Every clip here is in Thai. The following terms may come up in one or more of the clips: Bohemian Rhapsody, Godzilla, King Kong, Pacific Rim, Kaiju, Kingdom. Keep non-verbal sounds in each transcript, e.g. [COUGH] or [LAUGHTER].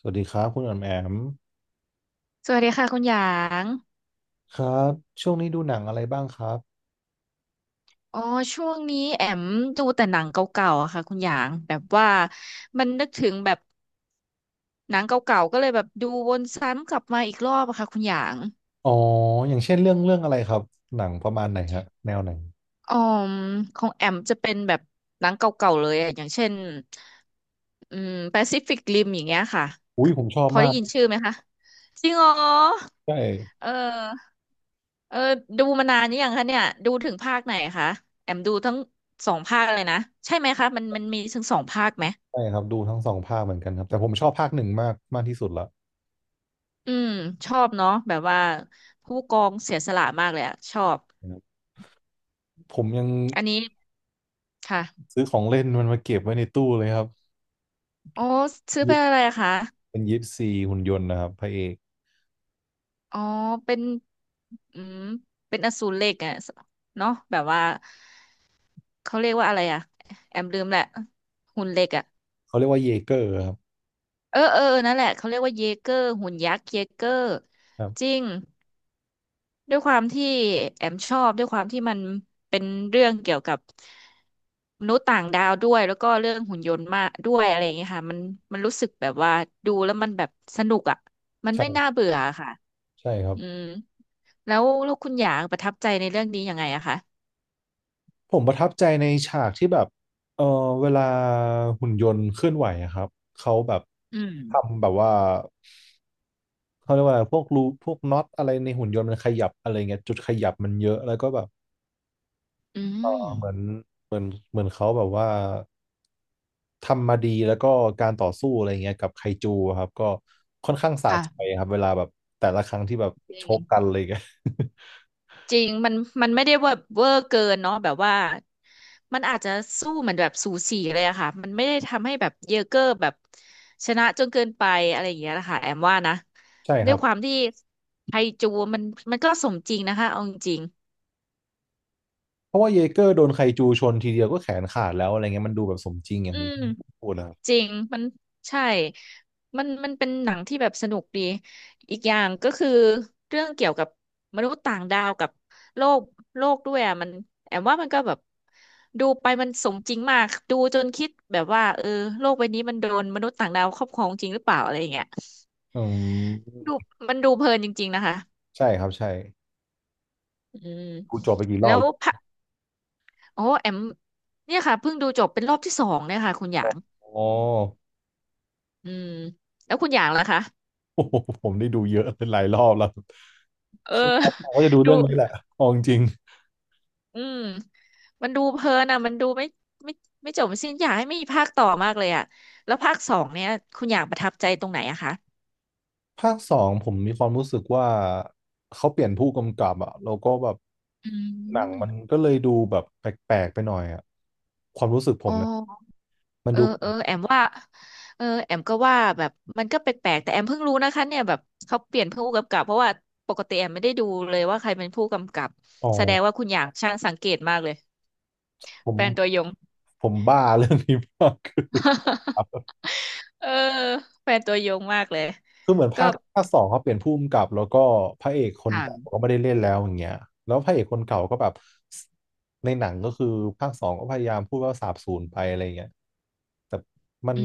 สวัสดีครับคุณอ๋อมแอมสวัสดีค่ะคุณหยางครับช่วงนี้ดูหนังอะไรบ้างครับอ๋อช่วงนี้แอมดูแต่หนังเก่าๆอะค่ะคุณหยางแบบว่ามันนึกถึงแบบหนังเก่าๆก็เลยแบบดูวนซ้ำกลับมาอีกรอบอะค่ะคุณหยางอ๋ออย่างเช่นเรื่องอะไรครับหนังประมาณไหนฮะแนวไหนอ๋อมของแอมจะเป็นแบบหนังเก่าๆเลยอะอย่างเช่นอืม i f i c ฟ i กริอย่างเงี้ยค่ะ อุ้ยผมชอพบอมาได้กยินชื่อไหมคะ จริงเหรอใช่เออเออดูมานานหรือยังคะเนี่ยดูถึงภาคไหนคะแอมดูทั้งสองภาคเลยนะใช่ไหมคะมันมีถึงสองภาคไหม ใช่ครับดูทั้งสองภาคเหมือนกันครับแต่ผมชอบภาคหนึ่งมากมากที่สุดละอืมชอบเนาะแบบว่าผู้กองเสียสละมากเลยอะชอบนะครับผมยังอันนี้ค่ะซื้อของเล่นมันมาเก็บไว้ในตู้เลยครับอ๋อซื้อยิเป็ปนอะไรอะคะเป็นยิปซีหุ่นยนต์นะครับพระเอกอ๋อเป็นอืมเป็นอสูรเหล็กอะเนาะแบบว่าเขาเรียกว่าอะไรอะแอมลืมแหละหุ่นเหล็กอะเขาเรียกว่าเยเกอร์ครับนั่นแหละเขาเรียกว่าเยเกอร์หุ่นยักษ์เยเกอร์ครัจริบง ด้วยความที่แอมชอบด้วยความที่มันเป็นเรื่องเกี่ยวกับมนุษย์ต่างดาวด้วยแล้วก็เรื่องหุ่นยนต์มากด้วยอะไรอย่างเงี้ยค่ะมันรู้สึกแบบว่าดูแล้วมันแบบสนุกอ่ะมันไม่น่าใช่เบื่อค่ะใช่ครับ อืมแล้วคุณหยางประทับใจในเรื่องนี้ยังไงอะคะผมประทับใจในฉากที่แบบเออเวลาหุ่นยนต์เคลื่อนไหวอะครับ เขาแบบอืมทำแบบว่าเขาเรียกว่าอะไรพวกรูพวกน็อตอะไรในหุ่นยนต์มันขยับอะไรเงี้ยจุดขยับมันเยอะแล้วก็แบบอืมเหมือนเหมือนเหมือนเขาแบบว่าทำมาดีแล้วก็การต่อสู้อะไรเงี้ยกับไคจูอะครับก็ค่อนข้างสะใจค่ะครับเวลาแบบแต่ละครั้งที่แบบจริชง กกันอะไรเงี้ย [LAUGHS] จริงมันไม่ได้ว่าเวอร์เกินเนาะแบบว่ามันอาจจะสู้เหมือนแบบสูสีเลยอะค่ะมันไม่ได้ทำให้แบบเยอเกอร์แบบชนะจนเกินไปอะไรอย่างเงี้ยนะคะแอมว่านะใช่คด้วรัยบความที่ไทจูมันก็สมจริงนะคะเอาจริงเพราะว่าเยเกอร์โดนไคจูชนทีเดียวก็แขนขาดแล้วอะไรเงี้ยมันดูแบบสมจริงอๆย่าอืงที่ม พูดนะครับ จริงมันใช่มันเป็นหนังที่แบบสนุกดีอีกอย่างก็คือเรื่องเกี่ยวกับมนุษย์ต่างดาวกับโลกด้วยอ่ะมันแอมว่ามันก็แบบดูไปมันสมจริงมากดูจนคิดแบบว่าเออโลกใบนี้มันโดนมนุษย์ต่างดาวครอบครองจริงหรือเปล่าอะไรอย่างเงี้ยอืมดูมันดูเพลินจริงๆนะคะใช่ครับใช่อืมดูจบไปกี่รแล้อบวพระโอ้แอมเนี่ยค่ะเพิ่งดูจบเป็นรอบที่สองเนี่ยค่ะคุณหยางอ๋ออืมแล้วคุณหยางล่ะคะโอ้โหผมได้ดูเยอะเป็นหลายรอบแล้วเออ คือผมก็จะดู [LAUGHS] ดู เรื่องนี้แหละเอาจริงอืมมันดูเพลินอ่ะมันดูไม่ไม่จบสิ้นอยากให้มีภาคต่อมากเลยอ่ะแล้วภาคสองเนี่ยคุณอยากประทับใจตรงไหนอะคะๆภาคสองผมมีความรู้สึกว่าเขาเปลี่ยนผู้กำกับอะแล้วก็แบบอืหนังมันมก็เลยดูแบบแปลกๆไปหน่อยอะความรู้สึกผอ๋อมนะมันดูแอมว่าเออแอมก็ว่าแบบมันก็แปลกๆแต่แอมเพิ่งรู้นะคะเนี่ยแบบเขาเปลี่ยนผู้กำกับเพราะว่าปกติแอมไม่ได้ดูเลยว่าใครเป็นผู้กำกับอ๋อแสดงว่าคุณอยากช่างสังเกตมากเลยผมแฟนตัวยง บ้าเรื่องนี้มากคือ [LAUGHS] เออแฟนตัวยงมากเลยคือเหมือนก็ภาคสองเขาเปลี่ยนผู้กำกับแล้วก็พระเอกคนเก่าค่ะก็ไม่ได้เล่นแล้วอย่างเงี้ยแล้วพระเอกคนเก่าก็แบบในหนังก็คือภาคสองก็พยายามพูดว่าสาบสูญไปอะไรเงี้ยแต่มันอื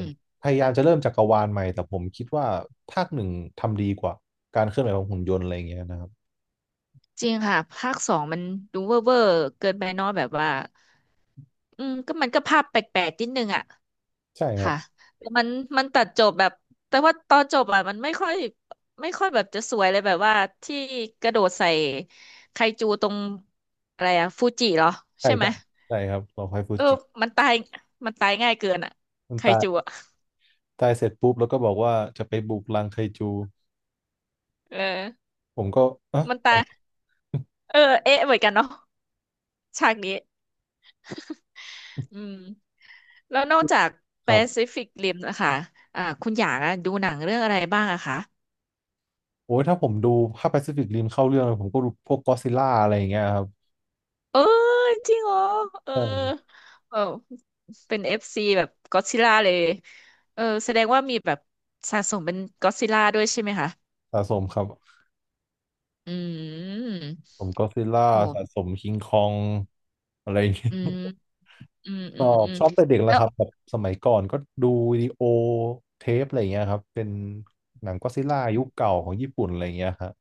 ม พยายามจะเริ่มจักรวาลใหม่แต่ผมคิดว่าภาคหนึ่งทำดีกว่าการเคลื่อนไหวของหุ่นยนต์อะไรเงี้ยนะครับจริงค่ะภาคสองมันดูเวอร์เกินไปเนอยแบบว่าอืมก็มันก็ภาพแปลกๆนิดนึงอ่ะใช่ครับค่ะแต่มันตัดจบแบบแต่ว่าตอนจบอ่ะมันไม่ค่อยแบบจะสวยเลยแบบว่าที่กระโดดใส่ไคจูตรงอะไรอ่ะฟูจิเหรอใช่ใช่ไหมใช่ใช่ครับรอคอยฟูเออจิมันตายมันตายง่ายเกินอ่ะมันไคตาจูยอ่ะตายเสร็จปุ๊บแล้วก็บอกว่าจะไปบุกรังไคจูเออผมก็อ่ะมันตายเออเอ๊ะเหมือนกันเนาะฉากนี้ อืมแล้วนอกจาก ครับ Pacific Rim นะคะอ่าคุณอยากอะดูหนังเรื่องอะไรบ้างอะคะโอ้ยถ้าผมดูถ้า Pacific Rim เข้าเรื่องเลยผมก็ดูพวก Godzilla อดซิลล่าอะไรอย่างเงี้ยครับเออจริงเหรอเออใช่เออเป็นเอฟซีแบบก็ d z ซิล่าเลยเออแสดงว่ามีแบบสะสมเป็นก็ d z ซิล่าด้วยใช่ไหมคะสะสมครับอืมผม Godzilla โอ้สะสม King Kong องอะไรอย่างเงี้ยอืมชอบอืมแต่เด็กแล้แล้ววครับแบบสมัยก่อนก็ดูวิดีโอเทปอะไรอย่างเงี้ยครับเป็นหนังก็อดซิลล่ายุคเก่าของญี่ปุ่นอะไรอย่างเงี้ยครับ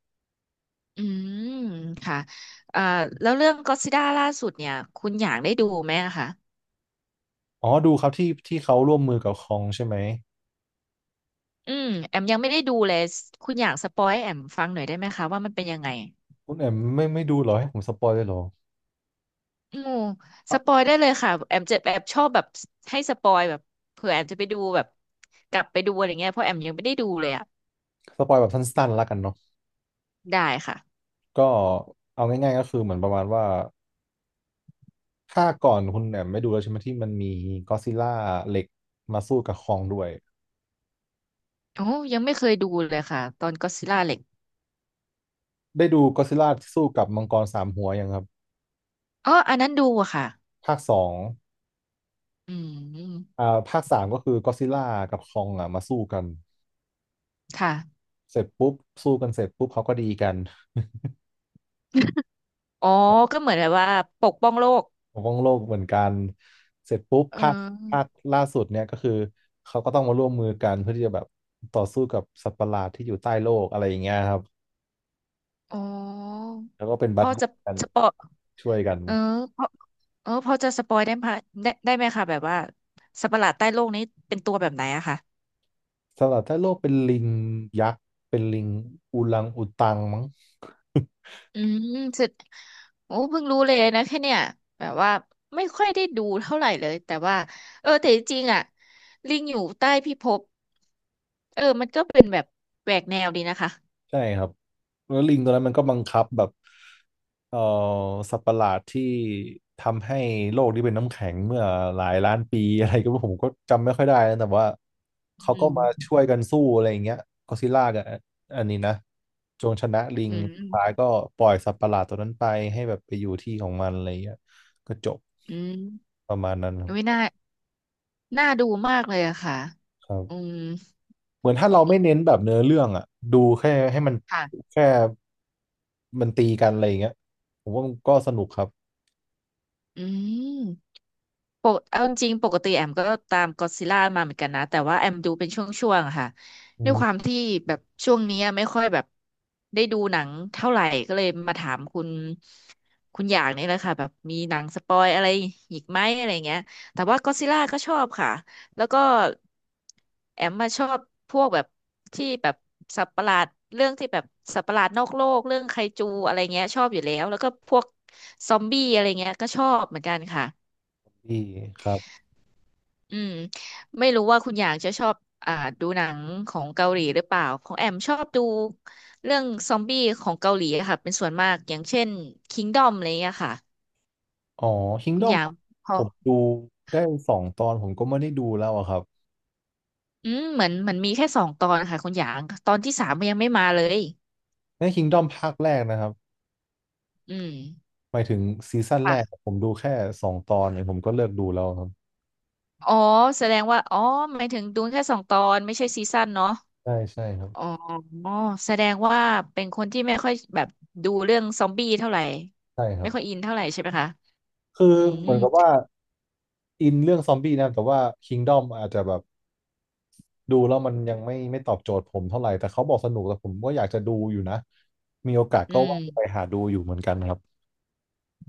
อืมค่ะอ่าแล้วเรื่องก็ d z ซิล่าล่าสุดเนี่ยคุณอยากได้ดูไหมอะคะ อ๋อดูครับที่เขาร่วมมือกับคองใช่ไหมอืมแอมยังไม่ได้ดูเลยคุณอยากสปอยให้แอมฟังหน่อยได้ไหมคะว่ามันเป็นยังไงคุณแอมไม่ดูเหรอให้ผมสปอยเลยเหรออืมสปอยได้เลยค่ะแอมจะแอบชอบแบบให้สปอยแบบเผื่อแอมจะไปดูแบบกลับไปดูอะไรเงี้ยเพราะแอมยังไม่ได้ดูเลยอ่ะสปอยแบบสั้นๆแล้วกันเนาะได้ค่ะก็เอาง่ายๆก็คือเหมือนประมาณว่า ค่าก่อนคุณแหม่มไม่ดูแล้วใช่ไหมที่มันมีก็อดซิลล่าเหล็กมาสู้กับคองด้วยโอ้ยังไม่เคยดูเลยค่ะตอนก็อดซิลล่าเหล็กได้ดูก็อดซิลล่าที่สู้กับมังกรสามหัวยังครับอ๋ออันนั้นดูอะค่ะภาคสองอืมอ่าภาคสามก็คือก็อดซิลล่ากับคองอ่ะมาสู้กันค่ะเสร็จปุ๊บสู้กันเสร็จปุ๊บเขาก็ดีกัน อ๋อก็เหมือนแบบว่าปกป้องโลก [LAUGHS] ปกป้องโลกเหมือนกันเสร็จปุ๊บเอภาคภาคอล่าสุดเนี่ยก็คือเขาก็ต้องมาร่วมมือกันเพื่อที่จะแบบต่อสู้กับสัตว์ประหลาดที่อยู่ใต้โลกอะไรอย่างเงี้ยครับอ๋อแล้วก็เป็นบัพ่ดอดี้จะกัน สปอย [LAUGHS] ช่วยกัน เออพอจะสปอยได้ไหมได้ได้ไหมคะแบบว่าสัตว์ประหลาดใต้โลกนี้เป็นตัวแบบไหนอะค่ะสำหรับถ้าโลกเป็นลิงยักษ์เป็นลิงอูรังอูตังมั้ง [LAUGHS] อืมสุดโอ้เพิ่งรู้เลยนะแค่เนี่ยแบบว่าไม่ค่อยได้ดูเท่าไหร่เลยแต่ว่าเออแต่จริงๆอ่ะลิงอยู่ใต้พิภพก็เป็นแบบแหวกแนวดีนะคะใช่ครับแล้วลิงตัวนั้นมันก็บังคับแบบเอ่อสัตว์ประหลาดที่ทำให้โลกนี้เป็นน้ำแข็งเมื่อหลายล้านปี [LAUGHS] อะไรก็ผมก็จำไม่ค่อยได้นะแต่ว่าเขาก็อืมมาช่วยกันสู้อะไรอย่างเงี้ยก็ซิลล่ากับอันนี้นะจงชนะลิงอืสุดท้ายมก็ปล่อยสัตว์ประหลาดตัวนั้นไปให้แบบไปอยู่ที่ของมันอะไรอย่างเงี้ยก็จบอืมประมาณนั้นไม่น่าน่าดูมากเลยอะค่ะครัอืบ มเหมือนถ้าเราไม่เน้นแบบเนื้อเรื่องอะดูแค่ให้มันค่ะแค่มันตีกันอะไรอย่างเงี้ยผมว่ามันก็สนุกครับอืม ปกเอาจริงๆปกติแอมก็ตามก็อดซิลล่ามาเหมือนกันนะแต่ว่าแอมดูเป็นช่วงๆอะค่ะอืด้วยความมที่แบบช่วงเนี้ยไม่ค่อยแบบได้ดูหนังเท่าไหร่ก็เลยมาถามคุณอยากนี่แหละค่ะแบบมีหนังสปอยอะไรอีกไหมอะไรเงี้ยแต่ว่าก็อดซิลล่าก็ชอบค่ะแล้วก็แอมมาชอบพวกแบบที่แบบสัตว์ประหลาดเรื่องที่แบบสัตว์ประหลาดนอกโลกเรื่องไคจูอะไรเงี้ยชอบอยู่แล้วแล้วก็พวกซอมบี้อะไรเงี้ยก็ชอบเหมือนกันค่ะ ดีครับอืมไม่รู้ว่าคุณอย่างจะชอบอ่าดูหนังของเกาหลีหรือเปล่าของแอมชอบดูเรื่องซอมบี้ของเกาหลีอะค่ะเป็นส่วนมากอย่างเช่น k ิงดอ o m อะไรเงี้ยค่ะอ๋อ คุณอ Kingdom ย่างพอผมดูได้สองตอนผมก็ไม่ได้ดูแล้วอะครับอืมเหมือนเหมันมีแค่สองตอนค่ะคุณอย่างตอนที่สามมันยังไม่มาเลยใน Kingdom ภาคแรกนะครับอืมหมายถึงซีซั่นแรกค่ะผมดูแค่สองตอนเนี่ยผมก็เลิกดูแล้วครับอ๋อแสดงว่าอ๋อหมายถึงดูแค่สองตอนไม่ใช่ซีซั่นเนาะใช่ใช่ครับอ๋อแสดงว่าเป็นคนที่ไม่ค่อยแบบดูเรื่องซอมบี้เท่าไหร่ใช่ครัไม่บค่อยอินเท่าไหร่ใช่ไหมคะคืออืมเหมือนกับว่าอินเรื่องซอมบี้นะแต่ว่า Kingdom อาจจะแบบ ดูแล้วมันยังไม่ตอบโจทย์ผมเท่าไหร่แต่เขาบอกสนุกแต่ผมก็อยากจะดูอยู่นะมีโอกาสอืก็ม ว่าจะไปหาดูอยู่เหมือนกันครับ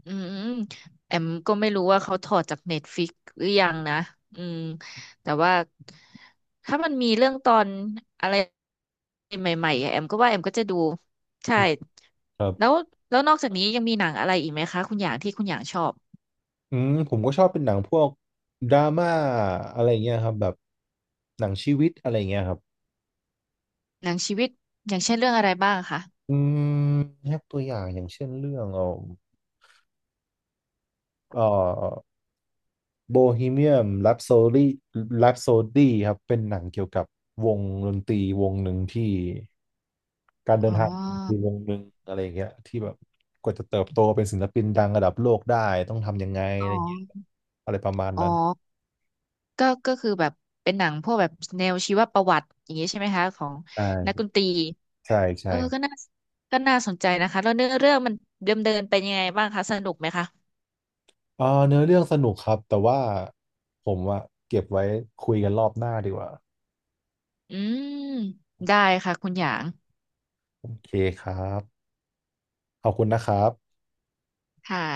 อืมแอมก็ไม่รู้ว่าเขาถอดจากเน็ตฟิกหรือยังนะอืมแต่ว่าถ้ามันมีเรื่องตอนอะไรใหม่ๆอะแอมก็ว่าแอมก็จะดูใช่ครัแล้วบนอกจากนี้ยังมีหนังอะไรอีกไหมคะคุณอย่างที่คุณอย่างชอบอืมผมก็ชอบเป็นหนังพวกดราม่าอะไรเงี้ยครับแบบหนังชีวิตอะไรเงี้ยครับหนังชีวิตอย่างเช่นเรื่องอะไรบ้างคะอืมยกตัวอย่างอย่างเช่นเรื่องเอ่อโบฮีเมียมแรปโซดีแรปโซครับเป็นหนังเกี่ยวกับวงดนตรีวงหนึ่งที่ การเดิอ๋อนทางคือวงหนึ่งอะไรอย่างเงี้ยที่แบบกว่าจะเติบโตเป็นศิลปินดังระดับโลกได้ต้องทำยังไงอ๋อะไรอย่างเงี้ยออะไรประมาณอ๋อนั้นก็คือแบบเป็นหนังพวกแบบแนวชีวประวัติอย่างนี้ใช่ไหมคะของใชนักด่นตรี ใช่เอใช่อก็น่าก็น่าสนใจนะคะแล้วเนื้อเรื่องมันเดิมเดินเป็นยังไงบ้างคะสนุกไหมคะเออเนื้อเรื่องสนุกครับแต่ว่าผมอะเก็บไว้คุยกันรอบหน้าดีกว่าอืมได้ค่ะคุณหยางโอเคครับขอบคุณนะครับค่ะ